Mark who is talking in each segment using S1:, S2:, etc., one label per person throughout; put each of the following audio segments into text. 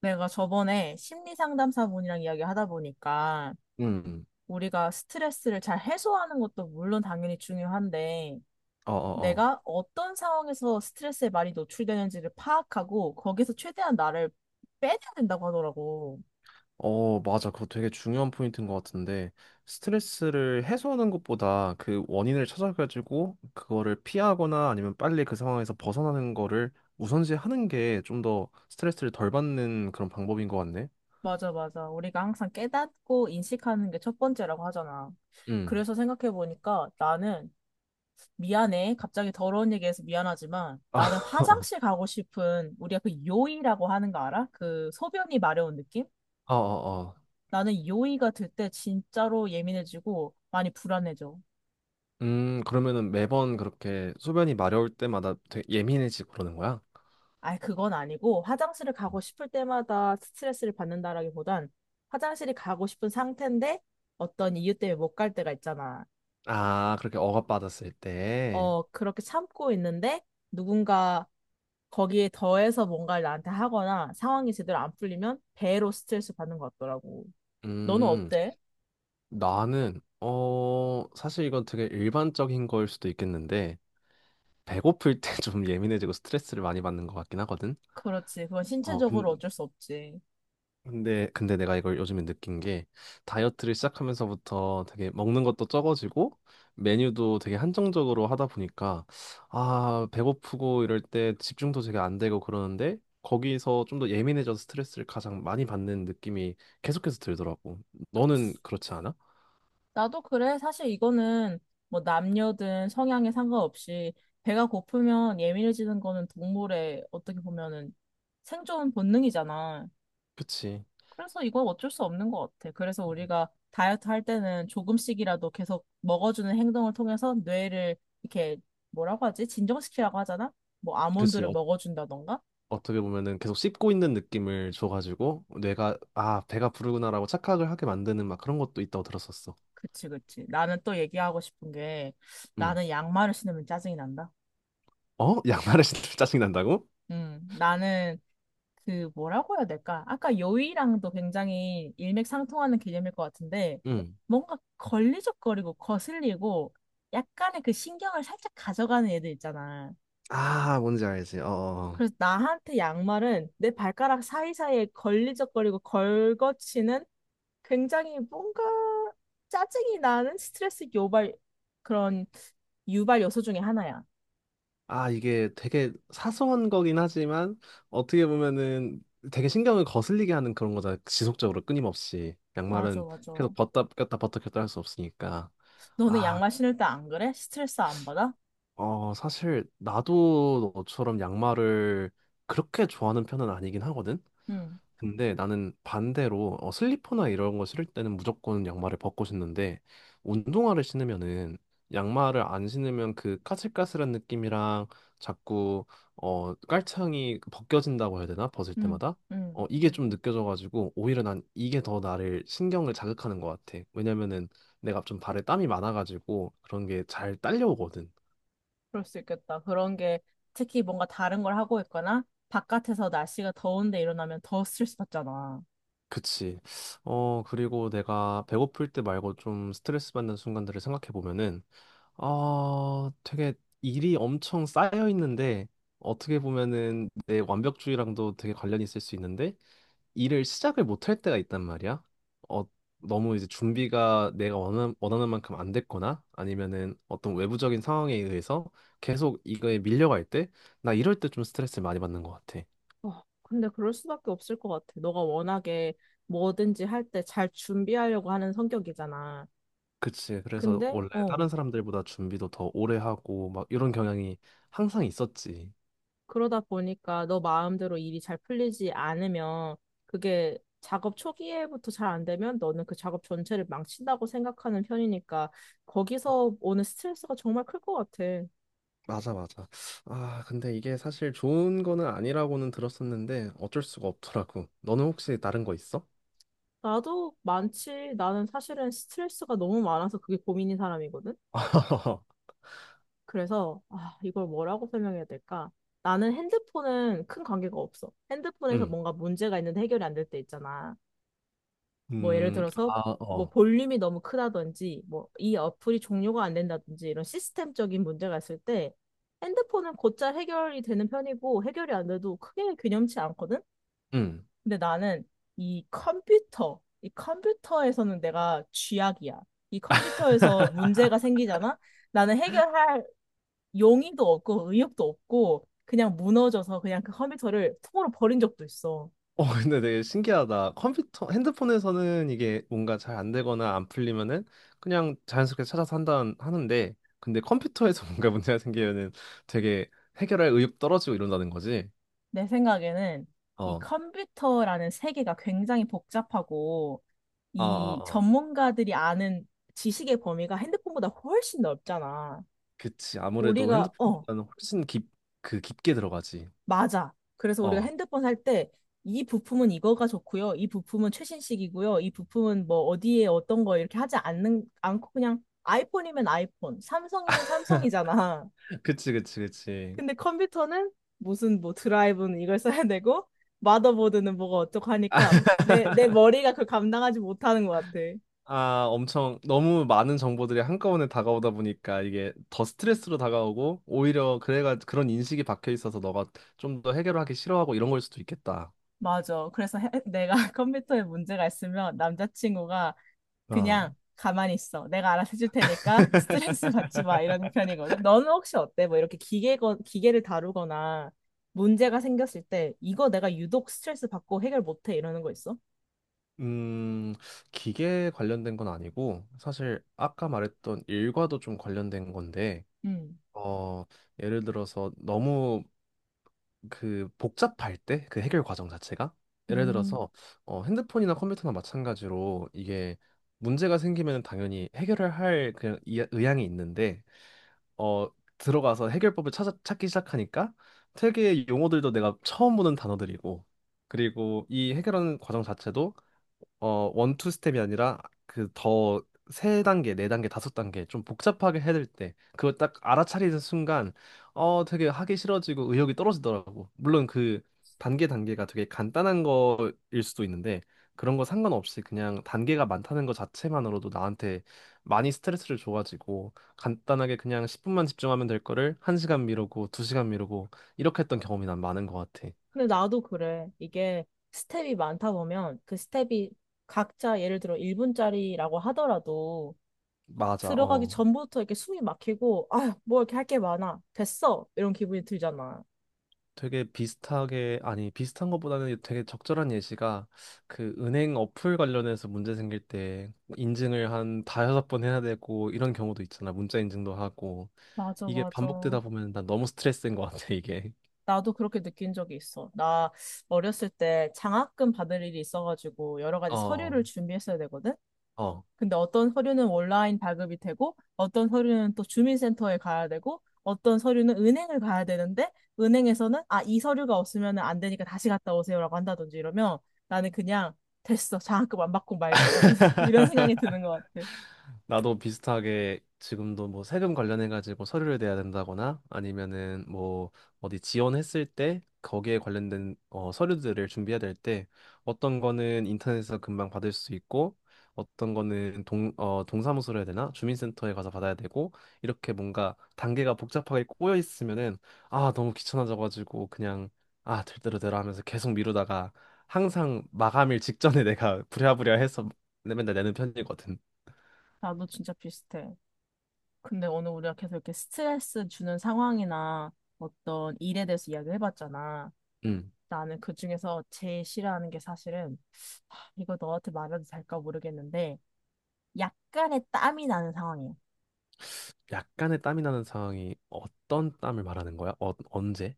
S1: 내가 저번에 심리 상담사분이랑 이야기하다 보니까
S2: 음,
S1: 우리가 스트레스를 잘 해소하는 것도 물론 당연히 중요한데
S2: 어, 어, 어.
S1: 내가 어떤 상황에서 스트레스에 많이 노출되는지를 파악하고 거기서 최대한 나를 빼내야 된다고 하더라고.
S2: 어, 맞아. 그거 되게 중요한 포인트인 것 같은데, 스트레스를 해소하는 것보다 그 원인을 찾아가지고, 그거를 피하거나 아니면 빨리 그 상황에서 벗어나는 거를 우선시 하는 게 좀 더 스트레스를 덜 받는 그런 방법인 것 같네.
S1: 맞아, 맞아. 우리가 항상 깨닫고 인식하는 게 첫 번째라고 하잖아.
S2: 음.
S1: 그래서 생각해보니까 나는 미안해. 갑자기 더러운 얘기해서 미안하지만
S2: 아,
S1: 나는 화장실 가고 싶은 우리가 그 요이라고 하는 거 알아? 그 소변이 마려운 느낌?
S2: 어, 어, 어.
S1: 나는 요의가 들 때 진짜로 예민해지고 많이 불안해져.
S2: 그러면은 매번 그렇게 소변이 마려울 때마다 되게 예민해지고 그러는 거야?
S1: 아이, 그건 아니고 화장실을 가고 싶을 때마다 스트레스를 받는다라기보단 화장실이 가고 싶은 상태인데 어떤 이유 때문에 못 갈 때가 있잖아.
S2: 아, 그렇게 억압받았을 때.
S1: 어, 그렇게 참고 있는데 누군가 거기에 더해서 뭔가를 나한테 하거나 상황이 제대로 안 풀리면 배로 스트레스 받는 것 같더라고. 너는
S2: 음.
S1: 어때?
S2: 나는 사실 이건 되게 일반적인 거일 수도 있겠는데 배고플 때 좀 예민해지고 스트레스를 많이 받는 것 같긴 하거든.
S1: 그렇지. 그건
S2: 어
S1: 신체적으로
S2: 근-
S1: 어쩔 수 없지.
S2: 근데 내가 이걸 요즘에 느낀 게 다이어트를 시작하면서부터 되게 먹는 것도 적어지고 메뉴도 되게 한정적으로 하다 보니까 아 배고프고 이럴 때 집중도 되게 안 되고 그러는데 거기서 좀 더 예민해져서 스트레스를 가장 많이 받는 느낌이 계속해서 들더라고. 너는 그렇지 않아?
S1: 나도 그래. 사실 이거는 뭐 남녀든 성향에 상관없이 배가 고프면 예민해지는 거는 동물의 어떻게 보면은 생존 본능이잖아.
S2: 그치.
S1: 그래서 이건 어쩔 수 없는 것 같아. 그래서 우리가 다이어트 할 때는 조금씩이라도 계속 먹어주는 행동을 통해서 뇌를 이렇게 뭐라고 하지? 진정시키라고 하잖아? 뭐
S2: 그치.
S1: 아몬드를 먹어준다던가?
S2: 어떻게 보면은 계속 씹고 있는 느낌을 줘가지고 뇌가 아 배가 부르구나라고 착각을 하게 만드는 막 그런 것도 있다고 들었었어.
S1: 그치, 그치. 나는 또 얘기하고 싶은 게
S2: 음.
S1: 나는 양말을 신으면 짜증이 난다.
S2: 어? 양말을 신으면 짜증 난다고?
S1: 나는 그 뭐라고 해야 될까? 아까 요의랑도 굉장히 일맥상통하는 개념일 것 같은데
S2: 음.
S1: 뭔가 걸리적거리고 거슬리고 약간의 그 신경을 살짝 가져가는 애들 있잖아.
S2: 아 뭔지 알지. 어. 어.
S1: 그래서 나한테 양말은 내 발가락 사이사이에 걸리적거리고 걸거치는 굉장히 뭔가 짜증이 나는 스트레스 유발 그런 유발 요소 중에 하나야.
S2: 아 이게 되게 사소한 거긴 하지만 어떻게 보면은 되게 신경을 거슬리게 하는 그런 거잖아. 지속적으로 끊임없이
S1: 맞아,
S2: 양말은
S1: 맞아.
S2: 계속 벗다 꼈다 벗다 꼈다 할 수 없으니까.
S1: 너는
S2: 아
S1: 양말 신을 때 안 그래? 스트레스 안 받아?
S2: 사실 나도 너처럼 양말을 그렇게 좋아하는 편은 아니긴 하거든.
S1: 응,
S2: 근데 나는 반대로 슬리퍼나 이런 거 신을 때는 무조건 양말을 벗고 신는데 운동화를 신으면은 양말을 안 신으면 그 까슬까슬한 느낌이랑 자꾸 깔창이 벗겨진다고 해야 되나? 벗을
S1: 응,
S2: 때마다
S1: 응.
S2: 이게 좀 느껴져가지고 오히려 난 이게 더 나를 신경을 자극하는 것 같아. 왜냐면은 내가 좀 발에 땀이 많아가지고 그런 게 잘 딸려오거든.
S1: 그럴 수 있겠다. 그런 게 특히 뭔가 다른 걸 하고 있거나 바깥에서 날씨가 더운데 일어나면 더 스트레스 받잖아.
S2: 그치. 그리고 내가 배고플 때 말고 좀 스트레스 받는 순간들을 생각해 보면은 되게 일이 엄청 쌓여 있는데 어떻게 보면은 내 완벽주의랑도 되게 관련이 있을 수 있는데 일을 시작을 못할 때가 있단 말이야. 어, 너무 이제 준비가 내가 원하는 만큼 안 됐거나 아니면은 어떤 외부적인 상황에 의해서 계속 이거에 밀려갈 때 나 이럴 때 좀 스트레스를 많이 받는 것 같아.
S1: 근데 그럴 수밖에 없을 것 같아. 너가 워낙에 뭐든지 할 때 잘 준비하려고 하는 성격이잖아.
S2: 그치. 그래서
S1: 근데,
S2: 원래 다른 사람들보다 준비도 더 오래 하고 막 이런 경향이 항상 있었지.
S1: 그러다 보니까 너 마음대로 일이 잘 풀리지 않으면 그게 작업 초기에부터 잘 안 되면 너는 그 작업 전체를 망친다고 생각하는 편이니까 거기서 오는 스트레스가 정말 클 것 같아.
S2: 맞아, 맞아. 아, 근데 이게 사실 좋은 거는 아니라고는 들었었는데 어쩔 수가 없더라고. 너는 혹시 다른 거 있어?
S1: 나도 많지. 나는 사실은 스트레스가 너무 많아서 그게 고민인 사람이거든. 그래서 아, 이걸 뭐라고 설명해야 될까? 나는 핸드폰은 큰 관계가 없어. 핸드폰에서
S2: 응.
S1: 뭔가 문제가 있는데 해결이 안 될 때 있잖아. 뭐 예를 들어서
S2: 아,
S1: 뭐
S2: 어.
S1: 볼륨이 너무 크다든지 뭐 이 어플이 종료가 안 된다든지 이런 시스템적인 문제가 있을 때 핸드폰은 곧잘 해결이 되는 편이고 해결이 안 돼도 크게 균염치 않거든.
S2: 응.
S1: 근데 나는 이 컴퓨터, 이 컴퓨터에서는 내가 쥐약이야. 이 컴퓨터에서 문제가 생기잖아? 나는 해결할 용의도 없고 의욕도 없고 그냥 무너져서 그냥 그 컴퓨터를 통으로 버린 적도 있어.
S2: 어, 근데 되게 신기하다. 컴퓨터, 핸드폰에서는 이게 뭔가 잘 안 되거나 안 풀리면은 그냥 자연스럽게 찾아서 한다 하는데, 근데 컴퓨터에서 뭔가 문제가 생기면은 되게 해결할 의욕 떨어지고 이런다는 거지.
S1: 내 생각에는 이
S2: 어,
S1: 컴퓨터라는 세계가 굉장히 복잡하고
S2: 아,
S1: 이
S2: 아, 아.
S1: 전문가들이 아는 지식의 범위가 핸드폰보다 훨씬 넓잖아.
S2: 그치. 아무래도
S1: 우리가,
S2: 핸드폰보다는 그 깊게 들어가지.
S1: 맞아. 그래서 우리가
S2: 어.
S1: 핸드폰 살 때 이 부품은 이거가 좋고요. 이 부품은 최신식이고요. 이 부품은 뭐 어디에 어떤 거 이렇게 하지 않는 않고 그냥 아이폰이면 아이폰, 삼성이면 삼성이잖아.
S2: 그치, 그치, 그치.
S1: 근데 컴퓨터는 무슨 뭐 드라이브는 이걸 써야 되고 마더보드는 뭐가 어쩌고 하니까 내 머리가 그걸 감당하지 못하는 것 같아.
S2: 아, 엄청 너무 많은 정보들이 한꺼번에 다가오다 보니까 이게 더 스트레스로 다가오고 오히려 그래가 그런 인식이 박혀 있어서 너가 좀 더 해결하기 싫어하고 이런 걸 수도 있겠다.
S1: 맞아. 그래서 내가 컴퓨터에 문제가 있으면 남자친구가
S2: 어.
S1: 그냥 가만히 있어. 내가 알아서 해줄 테니까 스트레스 받지 마. 이런 편이거든. 너는 혹시 어때? 뭐 이렇게 기계, 기계를 다루거나 문제가 생겼을 때 이거 내가 유독 스트레스 받고 해결 못해. 이러는 거 있어?
S2: 음, 기계 관련된 건 아니고 사실 아까 말했던 일과도 좀 관련된 건데
S1: 음.
S2: 어, 예를 들어서 너무 그 복잡할 때 그 해결 과정 자체가 예를
S1: 음,
S2: 들어서 핸드폰이나 컴퓨터나 마찬가지로 이게 문제가 생기면 당연히 해결을 할 그냥 의향이 있는데 어, 들어가서 해결법을 찾기 시작하니까 되게 용어들도 내가 처음 보는 단어들이고 그리고 이 해결하는 과정 자체도 원투 스텝이 아니라 그 더 세 단계, 네 단계, 다섯 단계 좀 복잡하게 해야 될 때, 그걸 딱 알아차리는 순간, 되게 하기 싫어지고 의욕이 떨어지더라고. 물론 그 단계 단계가 되게 간단한 거일 수도 있는데, 그런 거 상관없이 그냥 단계가 많다는 것 자체만으로도 나한테 많이 스트레스를 줘가지고, 간단하게 그냥 10분만 집중하면 될 거를 1시간 미루고 2시간 미루고 이렇게 했던 경험이 난 많은 것 같아.
S1: 근데 나도 그래. 이게 스텝이 많다 보면 그 스텝이 각자 예를 들어 1분짜리라고 하더라도
S2: 맞아.
S1: 들어가기
S2: 어.
S1: 전부터 이렇게 숨이 막히고, 아, 뭐 이렇게 할 게 많아. 됐어. 이런 기분이 들잖아.
S2: 되게 비슷하게 아니 비슷한 것보다는 되게 적절한 예시가 그 은행 어플 관련해서 문제 생길 때 인증을 한 다여섯 번 해야 되고 이런 경우도 있잖아. 문자 인증도 하고
S1: 맞아,
S2: 이게
S1: 맞아.
S2: 반복되다 보면 난 너무 스트레스인 것 같아, 이게.
S1: 나도 그렇게 느낀 적이 있어. 나 어렸을 때 장학금 받을 일이 있어가지고 여러 가지
S2: 어.
S1: 서류를 준비했어야 되거든?
S2: 어.
S1: 근데 어떤 서류는 온라인 발급이 되고, 어떤 서류는 또 주민센터에 가야 되고, 어떤 서류는 은행을 가야 되는데, 은행에서는 아, 이 서류가 없으면 안 되니까 다시 갔다 오세요라고 한다든지 이러면 나는 그냥 됐어. 장학금 안 받고 말지. 이런, 이런 생각이 드는 것 같아.
S2: 나도 비슷하게 지금도 뭐 세금 관련해가지고 서류를 내야 된다거나 아니면은 뭐 어디 지원했을 때 거기에 관련된 서류들을 준비해야 될 때 어떤 거는 인터넷에서 금방 받을 수 있고 어떤 거는 동사무소로 해야 되나? 주민센터에 가서 받아야 되고 이렇게 뭔가 단계가 복잡하게 꼬여 있으면은 아, 너무 귀찮아져가지고 그냥 아, 될 대로 되라 하면서 계속 미루다가 항상 마감일 직전에 내가 부랴부랴 해서 맨날 내는 편이거든.
S1: 나도 진짜 비슷해. 근데 오늘 우리가 계속 이렇게 스트레스 주는 상황이나 어떤 일에 대해서 이야기를 해봤잖아.
S2: 음.
S1: 나는 그중에서 제일 싫어하는 게 사실은 이거 너한테 말해도 될까 모르겠는데 약간의 땀이 나는 상황이야.
S2: 약간의 땀이 나는 상황이 어떤 땀을 말하는 거야? 어, 언제?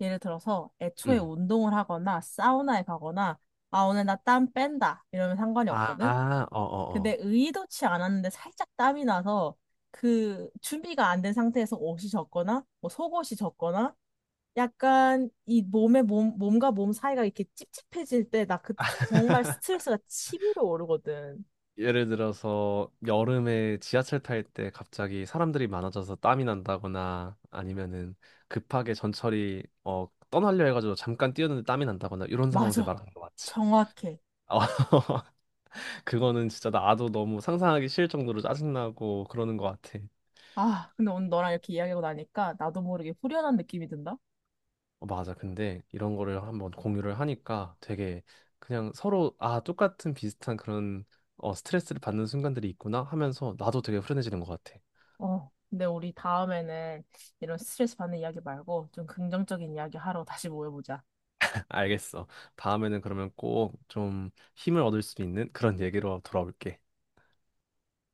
S1: 예를 들어서 애초에
S2: 응.
S1: 운동을 하거나 사우나에 가거나 아 오늘 나 땀 뺀다 이러면 상관이 없거든.
S2: 아, 어, 어,
S1: 근데
S2: 어.
S1: 의도치 않았는데 살짝 땀이 나서 그 준비가 안 된 상태에서 옷이 젖거나 뭐 속옷이 젖거나 약간 이 몸과 몸 사이가 이렇게 찝찝해질 때 나 그때 정말 스트레스가 치밀어 오르거든.
S2: 예를 들어서 여름에 지하철 탈 때 갑자기 사람들이 많아져서 땀이 난다거나 아니면은 급하게 전철이 떠나려 해가지고 잠깐 뛰었는데 땀이 난다거나 이런 상황들
S1: 맞아.
S2: 말하는 거 맞지?
S1: 정확해.
S2: 어, 그거는 진짜 나도 너무 상상하기 싫을 정도로 짜증나고 그러는 것 같아.
S1: 아, 근데 오늘 너랑 이렇게 이야기하고 나니까 나도 모르게 후련한 느낌이 든다.
S2: 어, 맞아. 근데 이런 거를 한번 공유를 하니까 되게 그냥 서로 아, 똑같은 비슷한 그런 스트레스를 받는 순간들이 있구나 하면서 나도 되게 후련해지는 것 같아.
S1: 어. 근데 우리 다음에는 이런 스트레스 받는 이야기 말고 좀 긍정적인 이야기 하러 다시 모여보자.
S2: 알겠어. 다음에는 그러면 꼭 좀 힘을 얻을 수 있는 그런 얘기로 돌아올게.